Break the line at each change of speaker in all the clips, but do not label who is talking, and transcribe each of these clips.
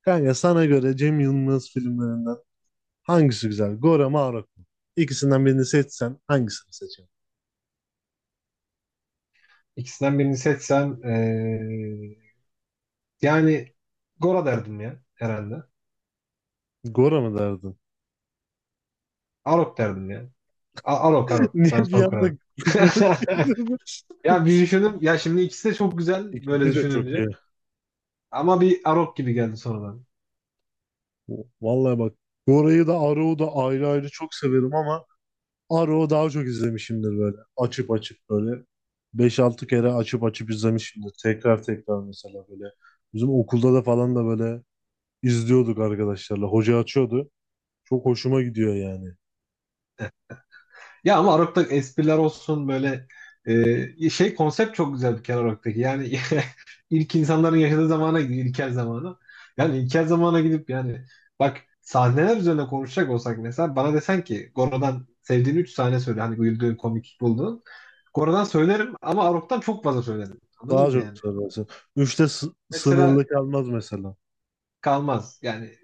Kanka sana göre Cem Yılmaz filmlerinden hangisi güzel? Gora mı Arok mu? İkisinden birini seçsen hangisini seçerdin?
İkisinden birini seçsem yani Gora derdim ya herhalde.
Gora mı derdin?
Arok derdim ya. A- Arok Arok şu
Niye
an
bir
son
anda
kararım.
fikrini değiştirdin?
Ya bir düşündüm. Ya şimdi ikisi de çok güzel böyle
İkisi de çok iyi.
düşününce. Ama bir Arok gibi geldi sonradan.
Vallahi bak, Gora'yı da Arok'u da ayrı ayrı çok severim ama Arok'u daha çok izlemişimdir böyle. Açıp açıp böyle beş altı kere açıp açıp izlemişimdir. Tekrar tekrar mesela böyle. Bizim okulda da falan da böyle izliyorduk arkadaşlarla. Hoca açıyordu. Çok hoşuma gidiyor yani.
Ya ama Arok'ta espriler olsun böyle şey konsept çok güzel bir kere Arok'taki. Yani ilk insanların yaşadığı zamana gidiyor, ilkel zamana. Yani ilkel zamana gidip yani bak sahneler üzerine konuşacak olsak mesela bana desen ki Goro'dan sevdiğin 3 sahne söyle hani güldüğün komik bulduğun. Goro'dan söylerim ama Arok'tan çok fazla söylerim. Anladın
Daha
mı
çok
yani?
sararsın. Üçte
Mesela
sınırlı kalmaz mesela.
kalmaz. Yani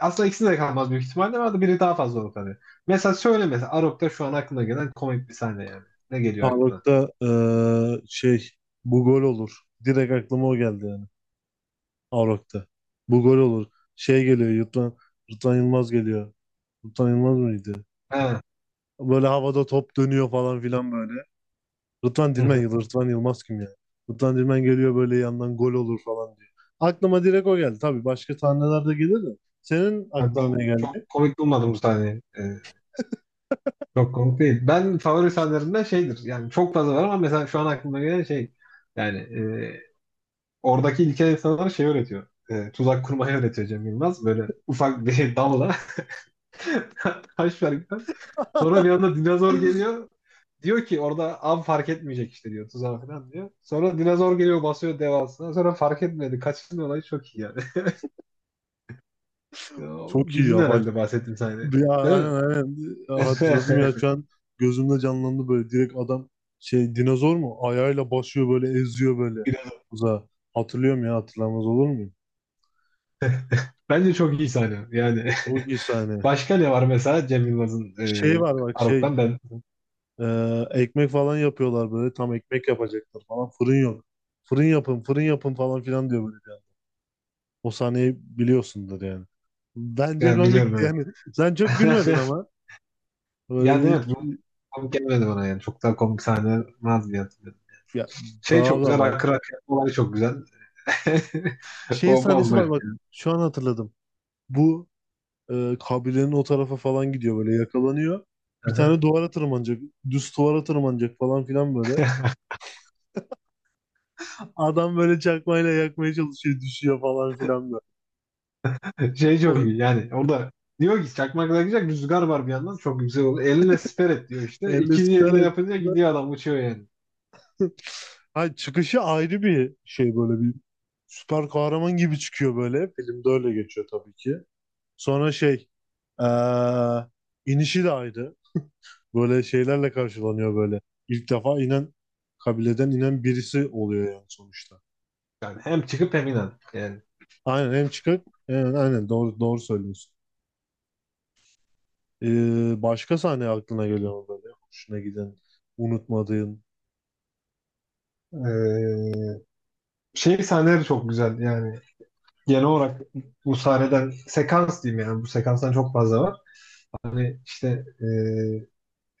aslında ikisi de kalmaz büyük ihtimalle ama biri daha fazla olur tabii. Mesela söyle mesela Arok'ta şu an aklına gelen komik bir sahne yani. Ne geliyor aklına?
Arok'ta şey bu gol olur. Direkt aklıma o geldi yani. Arok'ta. Bu gol olur. Şey geliyor Yurttan Yılmaz geliyor. Rıdvan Yılmaz mıydı?
He.
Böyle havada top dönüyor falan filan böyle. Rıdvan
Hı
Dilmen,
hı.
Rıdvan Yılmaz kim ya? Rıdvan Dilmen geliyor böyle yandan gol olur falan diyor. Aklıma direkt o geldi. Tabii başka sahneler de gelir de. Senin
Yani ben
aklına ne
çok
geldi?
komik bulmadım bu sahneyi. Çok komik değil. Ben favori sahnelerimden şeydir. Yani çok fazla var ama mesela şu an aklıma gelen şey yani e, oradaki ilkel insanlara şey öğretiyor. Tuzak kurmayı öğretiyor Cem Yılmaz. Böyle ufak bir dalla taş var gibi. Sonra bir anda dinozor geliyor. Diyor ki orada av fark etmeyecek işte diyor tuzağa falan diyor. Sonra dinozor geliyor basıyor devasına. Sonra fark etmedi. Kaçtın olayı çok iyi yani. Ya,
Çok iyi
bildin
ya, bak.
herhalde bahsettiğim sahneyi.
Ya
Değil
aynen,
mi?
aynen. Ya hatırladım ya şu an gözümde canlandı böyle direkt adam şey dinozor mu ayağıyla basıyor böyle eziyor böyle uzağa. Hatırlıyorum ya, hatırlamaz olur muyum?
Bence çok iyi sahne. Yani
Çok iyi sahne.
başka ne var mesela Cem Yılmaz'ın
Şey var bak şey
Karok'tan ben
e, ekmek falan yapıyorlar böyle tam ekmek yapacaklar falan fırın yok. Fırın yapın fırın yapın falan filan diyor böyle. O sahneyi biliyorsundur yani. Bence
yani biliyorum
komikti
evet.
yani. Sen çok gülmedin ama.
Yani
Böyle
evet
hiç,
bu komik gelmedi bana yani. Çok daha komik sahne vardı diye hatırlıyorum.
ya,
Şey
daha
çok
da
güzel.
var.
Akır Akır olay çok güzel.
Şey
O
sahnesi var
bambaşka.
bak şu an hatırladım. Bu kabilenin o tarafa falan gidiyor böyle yakalanıyor. Bir
Aha.
tane duvara tırmanacak. Düz duvara tırmanacak falan filan böyle. Adam böyle çakmayla yakmaya çalışıyor. Düşüyor falan filan böyle.
Şey
O
çok iyi yani. Orada diyor ki çakmakla gidecek rüzgar var bir yandan. Çok güzel oldu. Eline siper et diyor işte.
elle
İkinci eline
sıçarak.
yapınca gidiyor adam uçuyor yani.
Ha, çıkışı ayrı bir şey, böyle bir süper kahraman gibi çıkıyor böyle. Filmde öyle geçiyor tabii ki. Sonra şey e, inişi de ayrı. Böyle şeylerle karşılanıyor böyle. İlk defa inen kabileden inen birisi oluyor yani sonuçta.
Yani hem çıkıp hem inen. Yani.
Aynen, hem çıkık. Evet, aynen, doğru doğru söylüyorsun. Başka sahne aklına geliyor mu böyle? Hoşuna giden, unutmadığın.
Ee, şey sahneleri çok güzel yani. Genel olarak bu sahneden sekans diyeyim yani bu sekanstan çok fazla var. Hani işte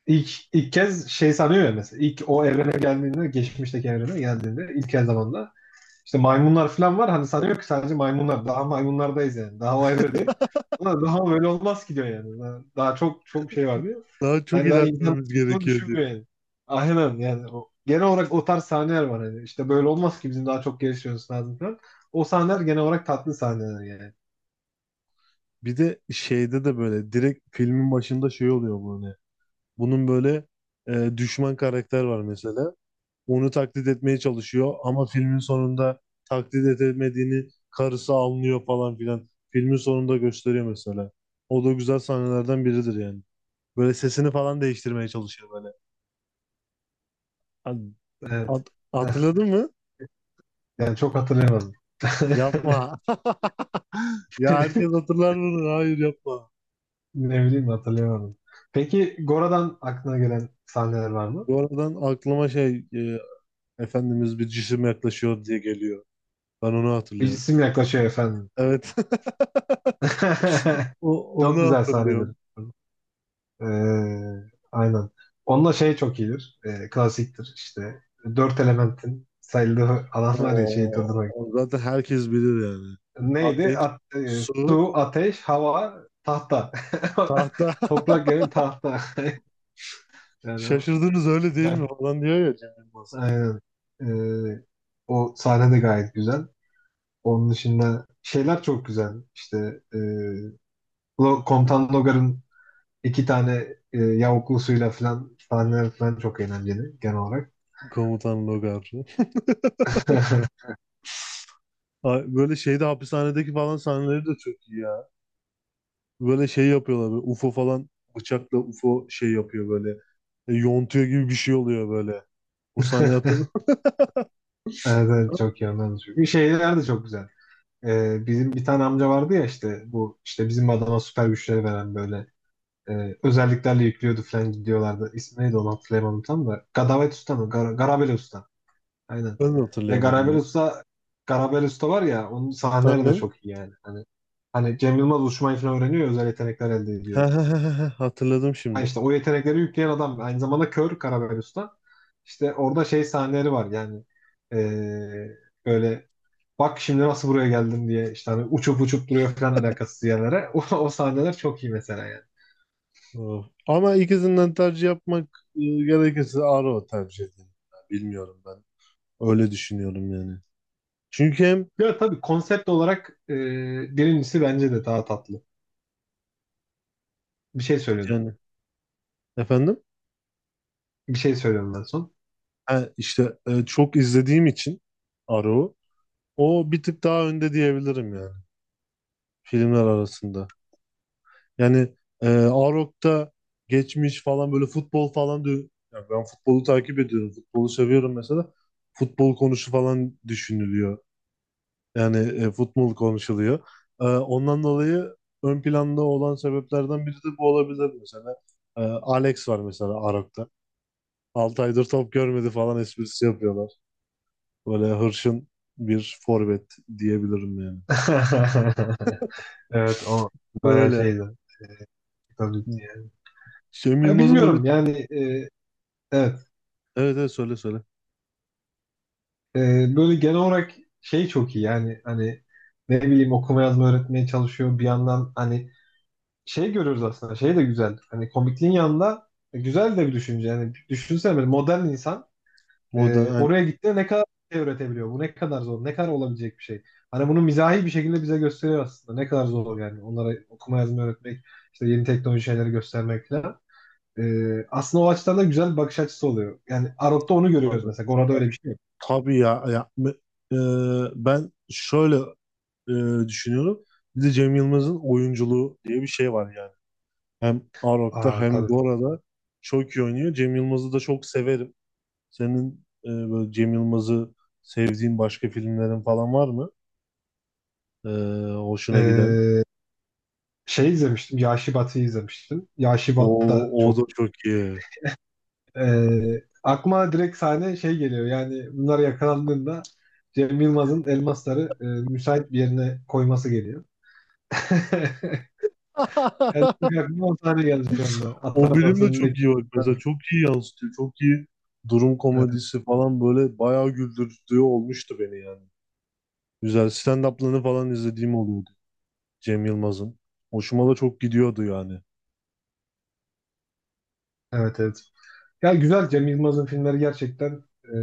ilk kez şey sanıyor ya mesela ilk o evrene geldiğinde geçmişteki evrene geldiğinde ilk el zamanda işte maymunlar falan var hani sanıyor ki sadece maymunlar daha maymunlardayız yani daha o evredeyiz. Ama daha böyle olmaz ki diyor yani. Daha çok çok şey var diyor.
Daha çok
Hani daha insan
ilerlememiz
olduğunu
gerekiyor diyor.
düşünmüyor yani. Aynen yani o, genel olarak o tarz sahneler var hani. İşte böyle olmaz ki bizim daha çok gelişmemiz lazım falan. O sahneler genel olarak tatlı sahneler yani.
Bir de şeyde de böyle direkt filmin başında şey oluyor böyle. Bunun böyle düşman karakter var mesela. Onu taklit etmeye çalışıyor ama filmin sonunda taklit etmediğini karısı anlıyor falan filan. Filmin sonunda gösteriyor mesela. O da güzel sahnelerden biridir yani. Böyle sesini falan değiştirmeye çalışıyor böyle. Hani
Evet.
Hatırladın mı?
Yani çok hatırlayamadım.
Yapma. Ya herkes hatırlar bunu. Hayır, yapma.
Ne bileyim hatırlayamadım. Peki Gora'dan aklına gelen sahneler var mı?
Bu aradan aklıma şey Efendimiz bir cisim yaklaşıyor diye geliyor. Ben onu
Bir
hatırlıyorum.
isim yaklaşıyor efendim.
Evet. O, onu
Çok güzel sahnedir.
hatırlıyorum.
Ee, aynen. Onunla şey çok iyidir. Klasiktir işte. Dört elementin sayıldığı alan var ya şeyi
Oo,
durdurmak.
o zaten herkes bilir yani.
Neydi?
Ateş, su,
Su, ateş, hava, tahta.
tahta.
Toprak yani tahta. Yani o
Şaşırdınız öyle değil mi
güzel.
falan diyor ya Cem Yılmaz.
Aynen. Ee, o sahne de gayet güzel. Onun dışında şeyler çok güzel. İşte Komutan Logar'ın iki tane yavuklusuyla falan sahneler falan çok eğlenceli genel olarak.
Komutan Logar. Ay, böyle şeyde hapishanedeki falan sahneleri de çok iyi. Böyle şey yapıyorlar böyle UFO falan, bıçakla UFO şey yapıyor böyle. Yontuyor gibi bir şey oluyor böyle. O sahneyi hatırlıyor
Evet, evet,
musun?
çok iyi ondan da çok iyi. Şeyler de çok güzel. Bizim bir tane amca vardı ya işte bu işte bizim adama süper güçleri veren böyle özelliklerle yüklüyordu falan gidiyorlardı. İsmi neydi onu hatırlayamadım tam da. Gadavet Usta mı? Garabeli Usta. Aynen.
Ben de
Ya
hatırlayamadım
Garabel
ya.
Usta, Garabel Usta var ya onun sahneleri de
Aynen.
çok iyi yani. Hani Cem Yılmaz uçmayı falan öğreniyor özel yetenekler elde
Ha,
ediyor.
ha, ha, ha, ha, hatırladım
Ha
şimdi.
işte o yetenekleri yükleyen adam aynı zamanda kör Garabel Usta. İşte orada şey sahneleri var yani eee, böyle bak şimdi nasıl buraya geldim diye işte hani uçup uçup duruyor falan alakasız yerlere. O sahneler çok iyi mesela yani.
Oh. Ama ikisinden tercih yapmak gerekirse Arrow tercih ederim. Bilmiyorum ben. Öyle düşünüyorum yani. Çünkü hem
Ya tabii konsept olarak birincisi bence de daha tatlı. Bir şey söylüyorum.
yani efendim
Bir şey söylüyorum ben son.
ha, işte çok izlediğim için Arrow o bir tık daha önde diyebilirim yani filmler arasında. Yani Arok'ta geçmiş falan böyle futbol falan diyor. Yani ben futbolu takip ediyorum. Futbolu seviyorum mesela. Futbol konusu falan düşünülüyor. Yani futbol konuşuluyor. Ondan dolayı ön planda olan sebeplerden biri de bu olabilir mesela. Alex var mesela Arok'ta. 6 aydır top görmedi falan esprisi yapıyorlar. Böyle hırçın bir forvet diyebilirim yani.
Evet o bayağı
Öyle.
şeydi. Komikti yani.
Cem
Ya
Yılmaz'ın böyle,
bilmiyorum yani evet.
evet evet, söyle söyle.
E, böyle genel olarak şey çok iyi yani hani ne bileyim okuma yazma öğretmeye çalışıyor bir yandan hani şey görüyoruz aslında şey de güzel hani komikliğin yanında güzel de bir düşünce yani düşünsene böyle modern insan
Moda.
oraya gittiğinde ne kadar şey öğretebiliyor bu ne kadar zor ne kadar olabilecek bir şey hani bunu mizahi bir şekilde bize gösteriyor aslında ne kadar zor yani onlara okuma yazma öğretmek işte yeni teknoloji şeyleri göstermek falan. Aslında o açıdan da güzel bir bakış açısı oluyor. Yani Arok'ta onu görüyoruz
Tabii,
mesela. Gora'da öyle
tabii.
bir şey yok.
Tabii ya, ya e, ben şöyle düşünüyorum. Bir de Cem Yılmaz'ın oyunculuğu diye bir şey var yani. Hem Arok'ta
Aa
hem
tabii.
Gora'da çok iyi oynuyor. Cem Yılmaz'ı da çok severim. Senin böyle Cem Yılmaz'ı sevdiğin başka filmlerin falan var mı? E, Hoşuna giden.
Ee, şey izlemiştim. Yaşı izlemiştim. Yaşı da
O da
çok.
çok iyi.
Aklıma direkt sahne şey geliyor. Yani bunlar yakalandığında Cem Yılmaz'ın elmasları müsait bir yerine koyması geliyor. Yani çünkü aklıma o sahne geldi şu anda. At
O bölüm de
arabasındaki.
çok iyi, bak. Mesela çok iyi yansıtıyor. Çok iyi durum komedisi falan, böyle bayağı güldürücü olmuştu beni yani. Güzel stand-up'larını falan izlediğim oluyordu Cem Yılmaz'ın. Hoşuma da çok gidiyordu yani.
Evet evet. Ya güzel Cem Yılmaz'ın filmleri gerçekten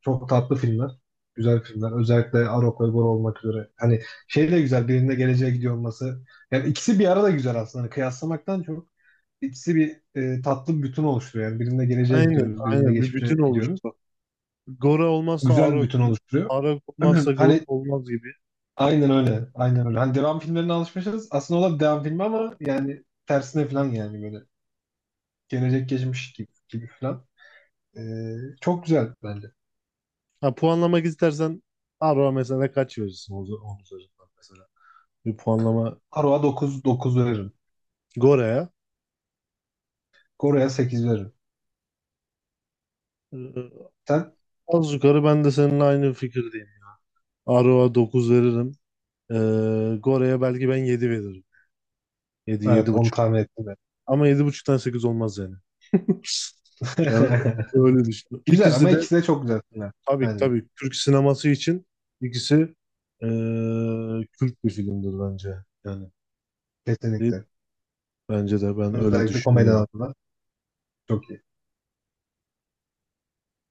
çok tatlı filmler. Güzel filmler. Özellikle Arok ve Bor olmak üzere. Hani şey de güzel birinde geleceğe gidiyor olması. Yani ikisi bir arada güzel aslında. Hani kıyaslamaktan çok ikisi bir tatlı bir bütün oluşturuyor. Yani birinde geleceğe
Aynen,
gidiyoruz, birinde
aynen, bir
geçmişe
bütün
gidiyoruz.
oluştu. Gora olmazsa
Güzel bir
Arak,
bütün oluşturuyor.
Arak olmazsa Gora
Hani
olmaz gibi.
aynen öyle. Aynen öyle. Hani devam filmlerine alışmışız. Aslında o da bir devam filmi ama yani tersine falan yani böyle. Gelecek geçmiş gibi, gibi falan. E, çok güzel bence.
Ha, puanlamak istersen Arak'a mesela kaç verirsin onun üzerinden mesela. Bir puanlama
Aroa dokuz veririm.
Gora'ya.
Gora'ya 8 veririm.
Ee,
Sen?
Az yukarı ben de seninle aynı fikirdeyim. Arak'a 9 veririm. Gora'ya belki ben 7 veririm. Yedi, yedi
Evet onu
buçuk.
tahmin ettim ben.
Ama yedi buçuktan 8 olmaz yani. Yani öyle düşünüyorum.
Güzel
İkisi
ama
de,
ikisi de çok güzel filmler
tabii
bence.
tabii, Türk sineması için ikisi Türk bir filmdir bence. Yani değil,
Kesinlikle.
bence de ben öyle
Özellikle komedi
düşünüyorum.
alanında çok iyi.